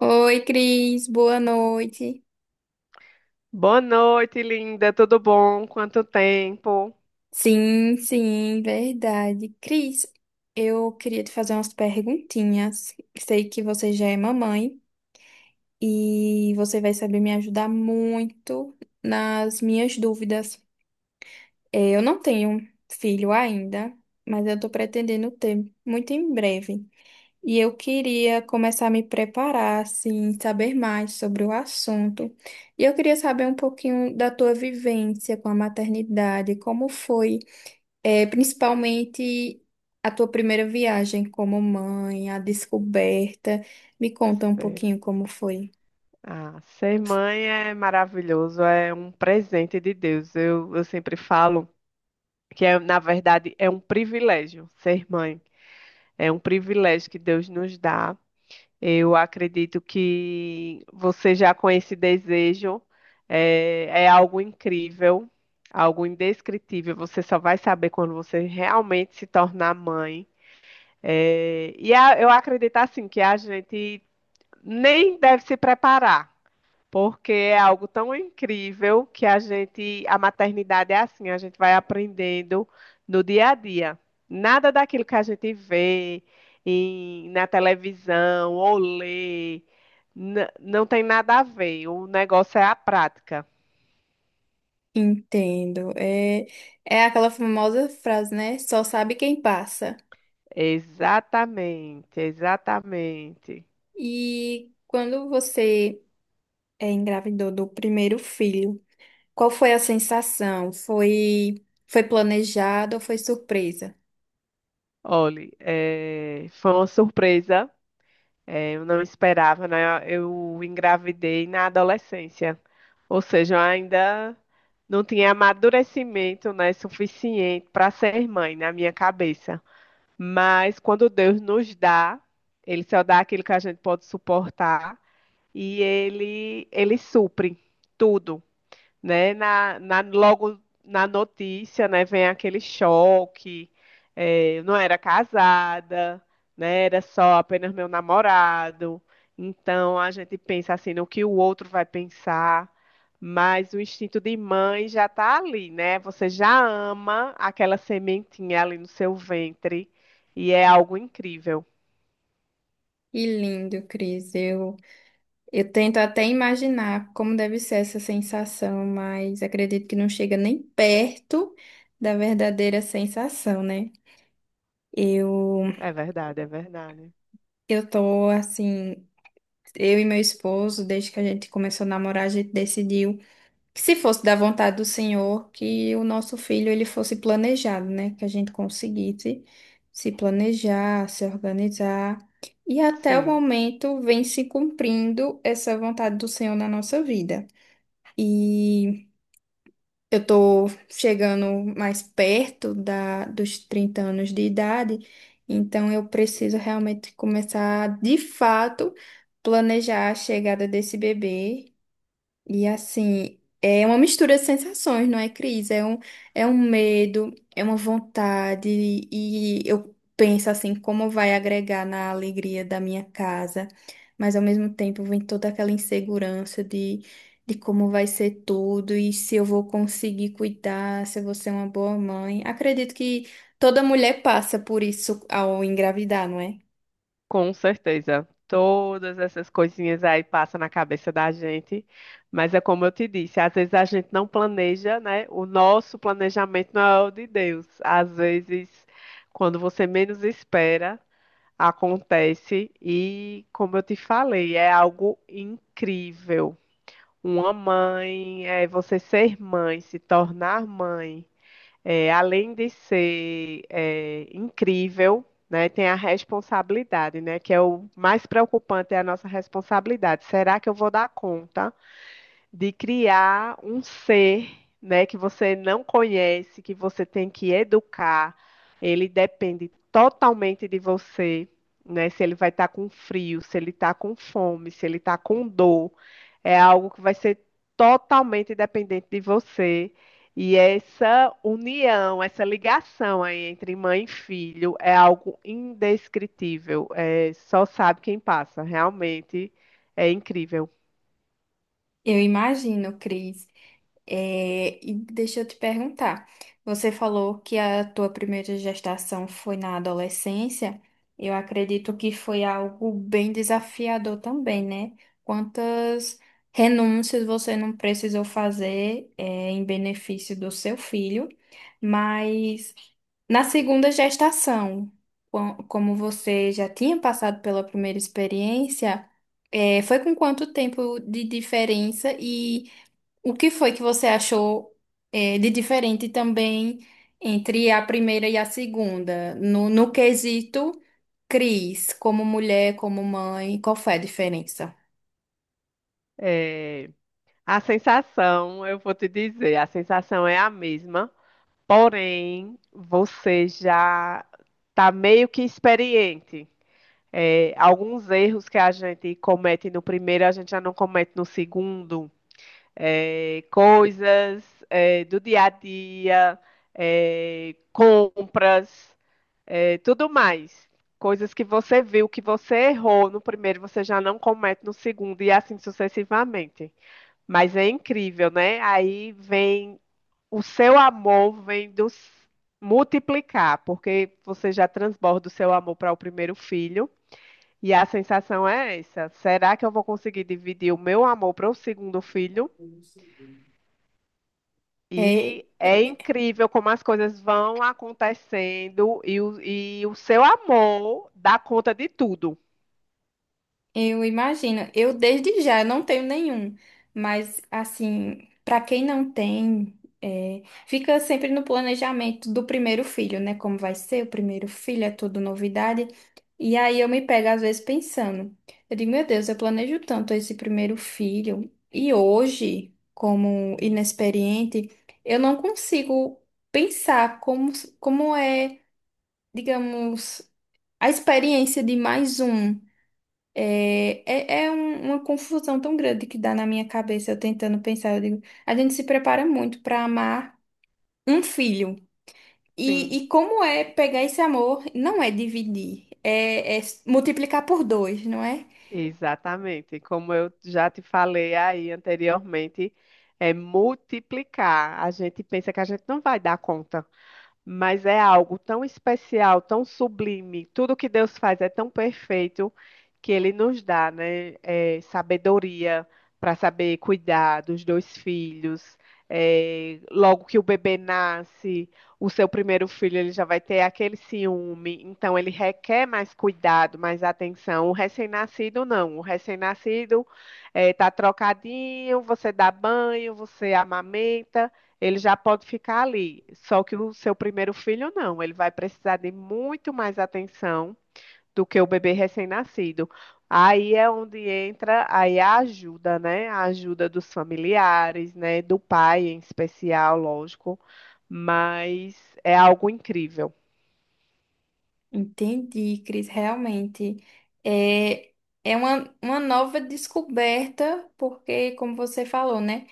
Oi, Cris, boa noite. Boa noite, linda. Tudo bom? Quanto tempo? Sim, sim, verdade. Cris, eu queria te fazer umas perguntinhas. Sei que você já é mamãe e você vai saber me ajudar muito nas minhas dúvidas. Eu não tenho filho ainda, mas eu tô pretendendo ter muito em breve. E eu queria começar a me preparar, assim, saber mais sobre o assunto. E eu queria saber um pouquinho da tua vivência com a maternidade, como foi, principalmente a tua primeira viagem como mãe, a descoberta. Me conta um É. pouquinho como foi. Ah, ser mãe é maravilhoso, é um presente de Deus. Eu sempre falo que, na verdade, é um privilégio ser mãe. É um privilégio que Deus nos dá. Eu acredito que você já com esse desejo é algo incrível, algo indescritível. Você só vai saber quando você realmente se tornar mãe. É, e eu acredito assim que a gente nem deve se preparar, porque é algo tão incrível que a gente, a maternidade é assim, a gente vai aprendendo no dia a dia. Nada daquilo que a gente vê na televisão ou lê, não tem nada a ver. O negócio é a prática. Entendo. É, é aquela famosa frase, né? Só sabe quem passa. Exatamente, exatamente. E quando você engravidou do primeiro filho, qual foi a sensação? Foi planejado ou foi surpresa? Olhe, é, foi uma surpresa. É, eu não esperava, né? Eu engravidei na adolescência, ou seja, eu ainda não tinha amadurecimento, né, suficiente para ser mãe na minha cabeça. Mas quando Deus nos dá, Ele só dá aquilo que a gente pode suportar e Ele supre tudo, né? Logo na notícia, né? Vem aquele choque. É, eu não era casada, né? Era só apenas meu namorado. Então a gente pensa assim no que o outro vai pensar, mas o instinto de mãe já está ali, né? Você já ama aquela sementinha ali no seu ventre e é algo incrível. Que lindo, Cris. Eu tento até imaginar como deve ser essa sensação, mas acredito que não chega nem perto da verdadeira sensação, né? Eu, É verdade, é verdade. eu tô assim, eu e meu esposo, desde que a gente começou a namorar, a gente decidiu. Que se fosse da vontade do Senhor, que o nosso filho ele fosse planejado, né? Que a gente conseguisse se planejar, se organizar. E até o Sim. momento vem se cumprindo essa vontade do Senhor na nossa vida. E eu tô chegando mais perto dos 30 anos de idade, então eu preciso realmente começar, de fato, planejar a chegada desse bebê e assim, é uma mistura de sensações, não é, Cris? É um medo, é uma vontade, e eu penso assim, como vai agregar na alegria da minha casa, mas ao mesmo tempo vem toda aquela insegurança de como vai ser tudo e se eu vou conseguir cuidar, se eu vou ser uma boa mãe. Acredito que toda mulher passa por isso ao engravidar, não é? Com certeza. Todas essas coisinhas aí passam na cabeça da gente, mas é como eu te disse, às vezes a gente não planeja, né? O nosso planejamento não é o de Deus. Às vezes, quando você menos espera, acontece e, como eu te falei, é algo incrível. Uma mãe, é você ser mãe, se tornar mãe. É, além de ser incrível, né, tem a responsabilidade, né, que é o mais preocupante, é a nossa responsabilidade. Será que eu vou dar conta? De criar um ser, né, que você não conhece, que você tem que educar. Ele depende totalmente de você, né? Se ele vai estar com frio, se ele está com fome, se ele está com dor, é algo que vai ser totalmente dependente de você. E essa união, essa ligação aí entre mãe e filho é algo indescritível. É, só sabe quem passa. Realmente é incrível. Eu imagino, Cris. É, e deixa eu te perguntar, você falou que a tua primeira gestação foi na adolescência. Eu acredito que foi algo bem desafiador também, né? Quantas renúncias você não precisou fazer, é, em benefício do seu filho, mas na segunda gestação, como você já tinha passado pela primeira experiência, é, foi com quanto tempo de diferença e o que foi que você achou de diferente também entre a primeira e a segunda? No quesito Cris, como mulher, como mãe, qual foi a diferença? É, a sensação, eu vou te dizer, a sensação é a mesma, porém você já está meio que experiente. É, alguns erros que a gente comete no primeiro, a gente já não comete no segundo. É, coisas do dia a dia, compras, tudo mais. Coisas que você viu, que você errou no primeiro, você já não comete no segundo, e assim sucessivamente. Mas é incrível, né? Aí vem o seu amor vem do multiplicar, porque você já transborda o seu amor para o primeiro filho. E a sensação é essa: será que eu vou conseguir dividir o meu amor para o segundo filho? É, E é, é é, incrível como as coisas vão acontecendo e o seu amor dá conta de tudo. Eu imagino. Eu desde já eu não tenho nenhum, mas assim, para quem não tem, é, fica sempre no planejamento do primeiro filho, né? Como vai ser o primeiro filho, é tudo novidade. E aí eu me pego às vezes pensando, eu digo, meu Deus, eu planejo tanto esse primeiro filho e hoje, como inexperiente, eu não consigo pensar como é, digamos, a experiência de mais um. É uma confusão tão grande que dá na minha cabeça, eu tentando pensar, eu digo, a gente se prepara muito para amar um filho. Sim. E como é pegar esse amor, não é dividir, é multiplicar por 2, não é? Exatamente. Como eu já te falei aí anteriormente, é multiplicar. A gente pensa que a gente não vai dar conta, mas é algo tão especial, tão sublime. Tudo que Deus faz é tão perfeito que Ele nos dá, né, sabedoria para saber cuidar dos dois filhos. Eh, logo que o bebê nasce, o seu primeiro filho ele já vai ter aquele ciúme, então ele requer mais cuidado, mais atenção. O recém-nascido não. O recém-nascido está trocadinho, você dá banho, você amamenta. Ele já pode ficar ali, só que o seu primeiro filho não, ele vai precisar de muito mais atenção do que o bebê recém-nascido. Aí é onde entra aí a ajuda, né? A ajuda dos familiares, né? Do pai em especial, lógico, mas é algo incrível. Entendi, Cris, realmente. É, é uma nova descoberta, porque, como você falou, né?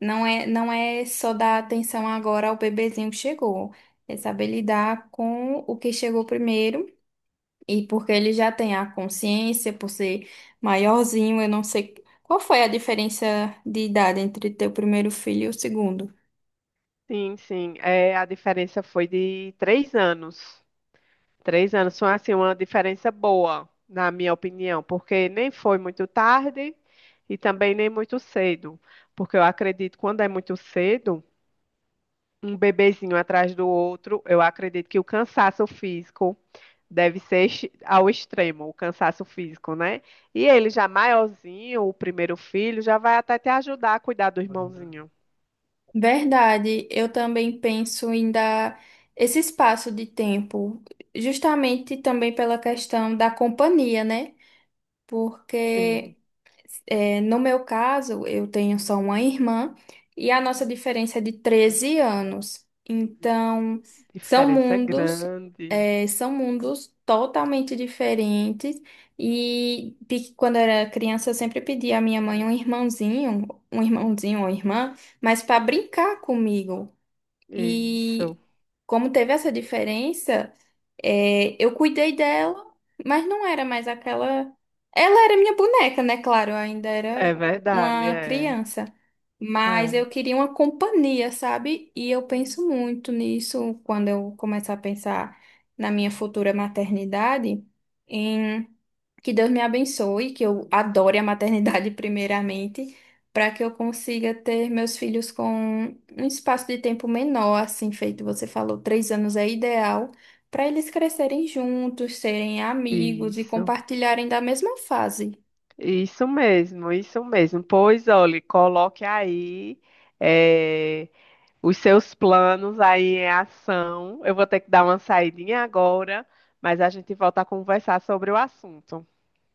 Não é só dar atenção agora ao bebezinho que chegou, é saber lidar com o que chegou primeiro. E porque ele já tem a consciência, por ser maiorzinho, eu não sei qual foi a diferença de idade entre teu primeiro filho e o segundo. Sim, sim, é, a diferença foi de 3 anos. 3 anos são assim uma diferença boa, na minha opinião, porque nem foi muito tarde e também nem muito cedo, porque eu acredito que quando é muito cedo, um bebezinho atrás do outro, eu acredito que o cansaço físico deve ser ao extremo, o cansaço físico, né? E ele já maiorzinho, o primeiro filho, já vai até te ajudar a cuidar do irmãozinho. Verdade, eu também penso em dar esse espaço de tempo, justamente também pela questão da companhia, né? Sim, Porque é, no meu caso, eu tenho só uma irmã e a nossa diferença é de 13 anos. Então, são diferença mundos, grande. é, são mundos totalmente diferentes. E quando eu era criança, eu sempre pedia à minha mãe um irmãozinho ou irmã, mas para brincar comigo. E Isso. como teve essa diferença. É, eu cuidei dela, mas não era mais aquela. Ela era minha boneca, né? Claro, eu ainda É era verdade, uma é. criança. Mas eu É. queria uma companhia, sabe? E eu penso muito nisso quando eu começar a pensar na minha futura maternidade, em que Deus me abençoe, que eu adore a maternidade primeiramente, para que eu consiga ter meus filhos com um espaço de tempo menor, assim feito você falou, 3 anos é ideal, para eles crescerem juntos, serem amigos e Isso. compartilharem da mesma fase. Isso mesmo, isso mesmo. Pois olhe, coloque aí eh, os seus planos aí em ação. Eu vou ter que dar uma saidinha agora, mas a gente volta a conversar sobre o assunto.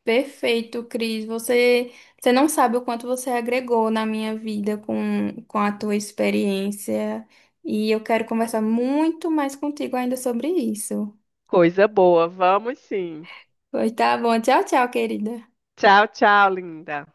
Perfeito, Cris. Você não sabe o quanto você agregou na minha vida com a tua experiência. E eu quero conversar muito mais contigo ainda sobre isso. Coisa boa, vamos sim. Pois tá bom. Tchau, tchau, querida. Tchau, tchau, linda.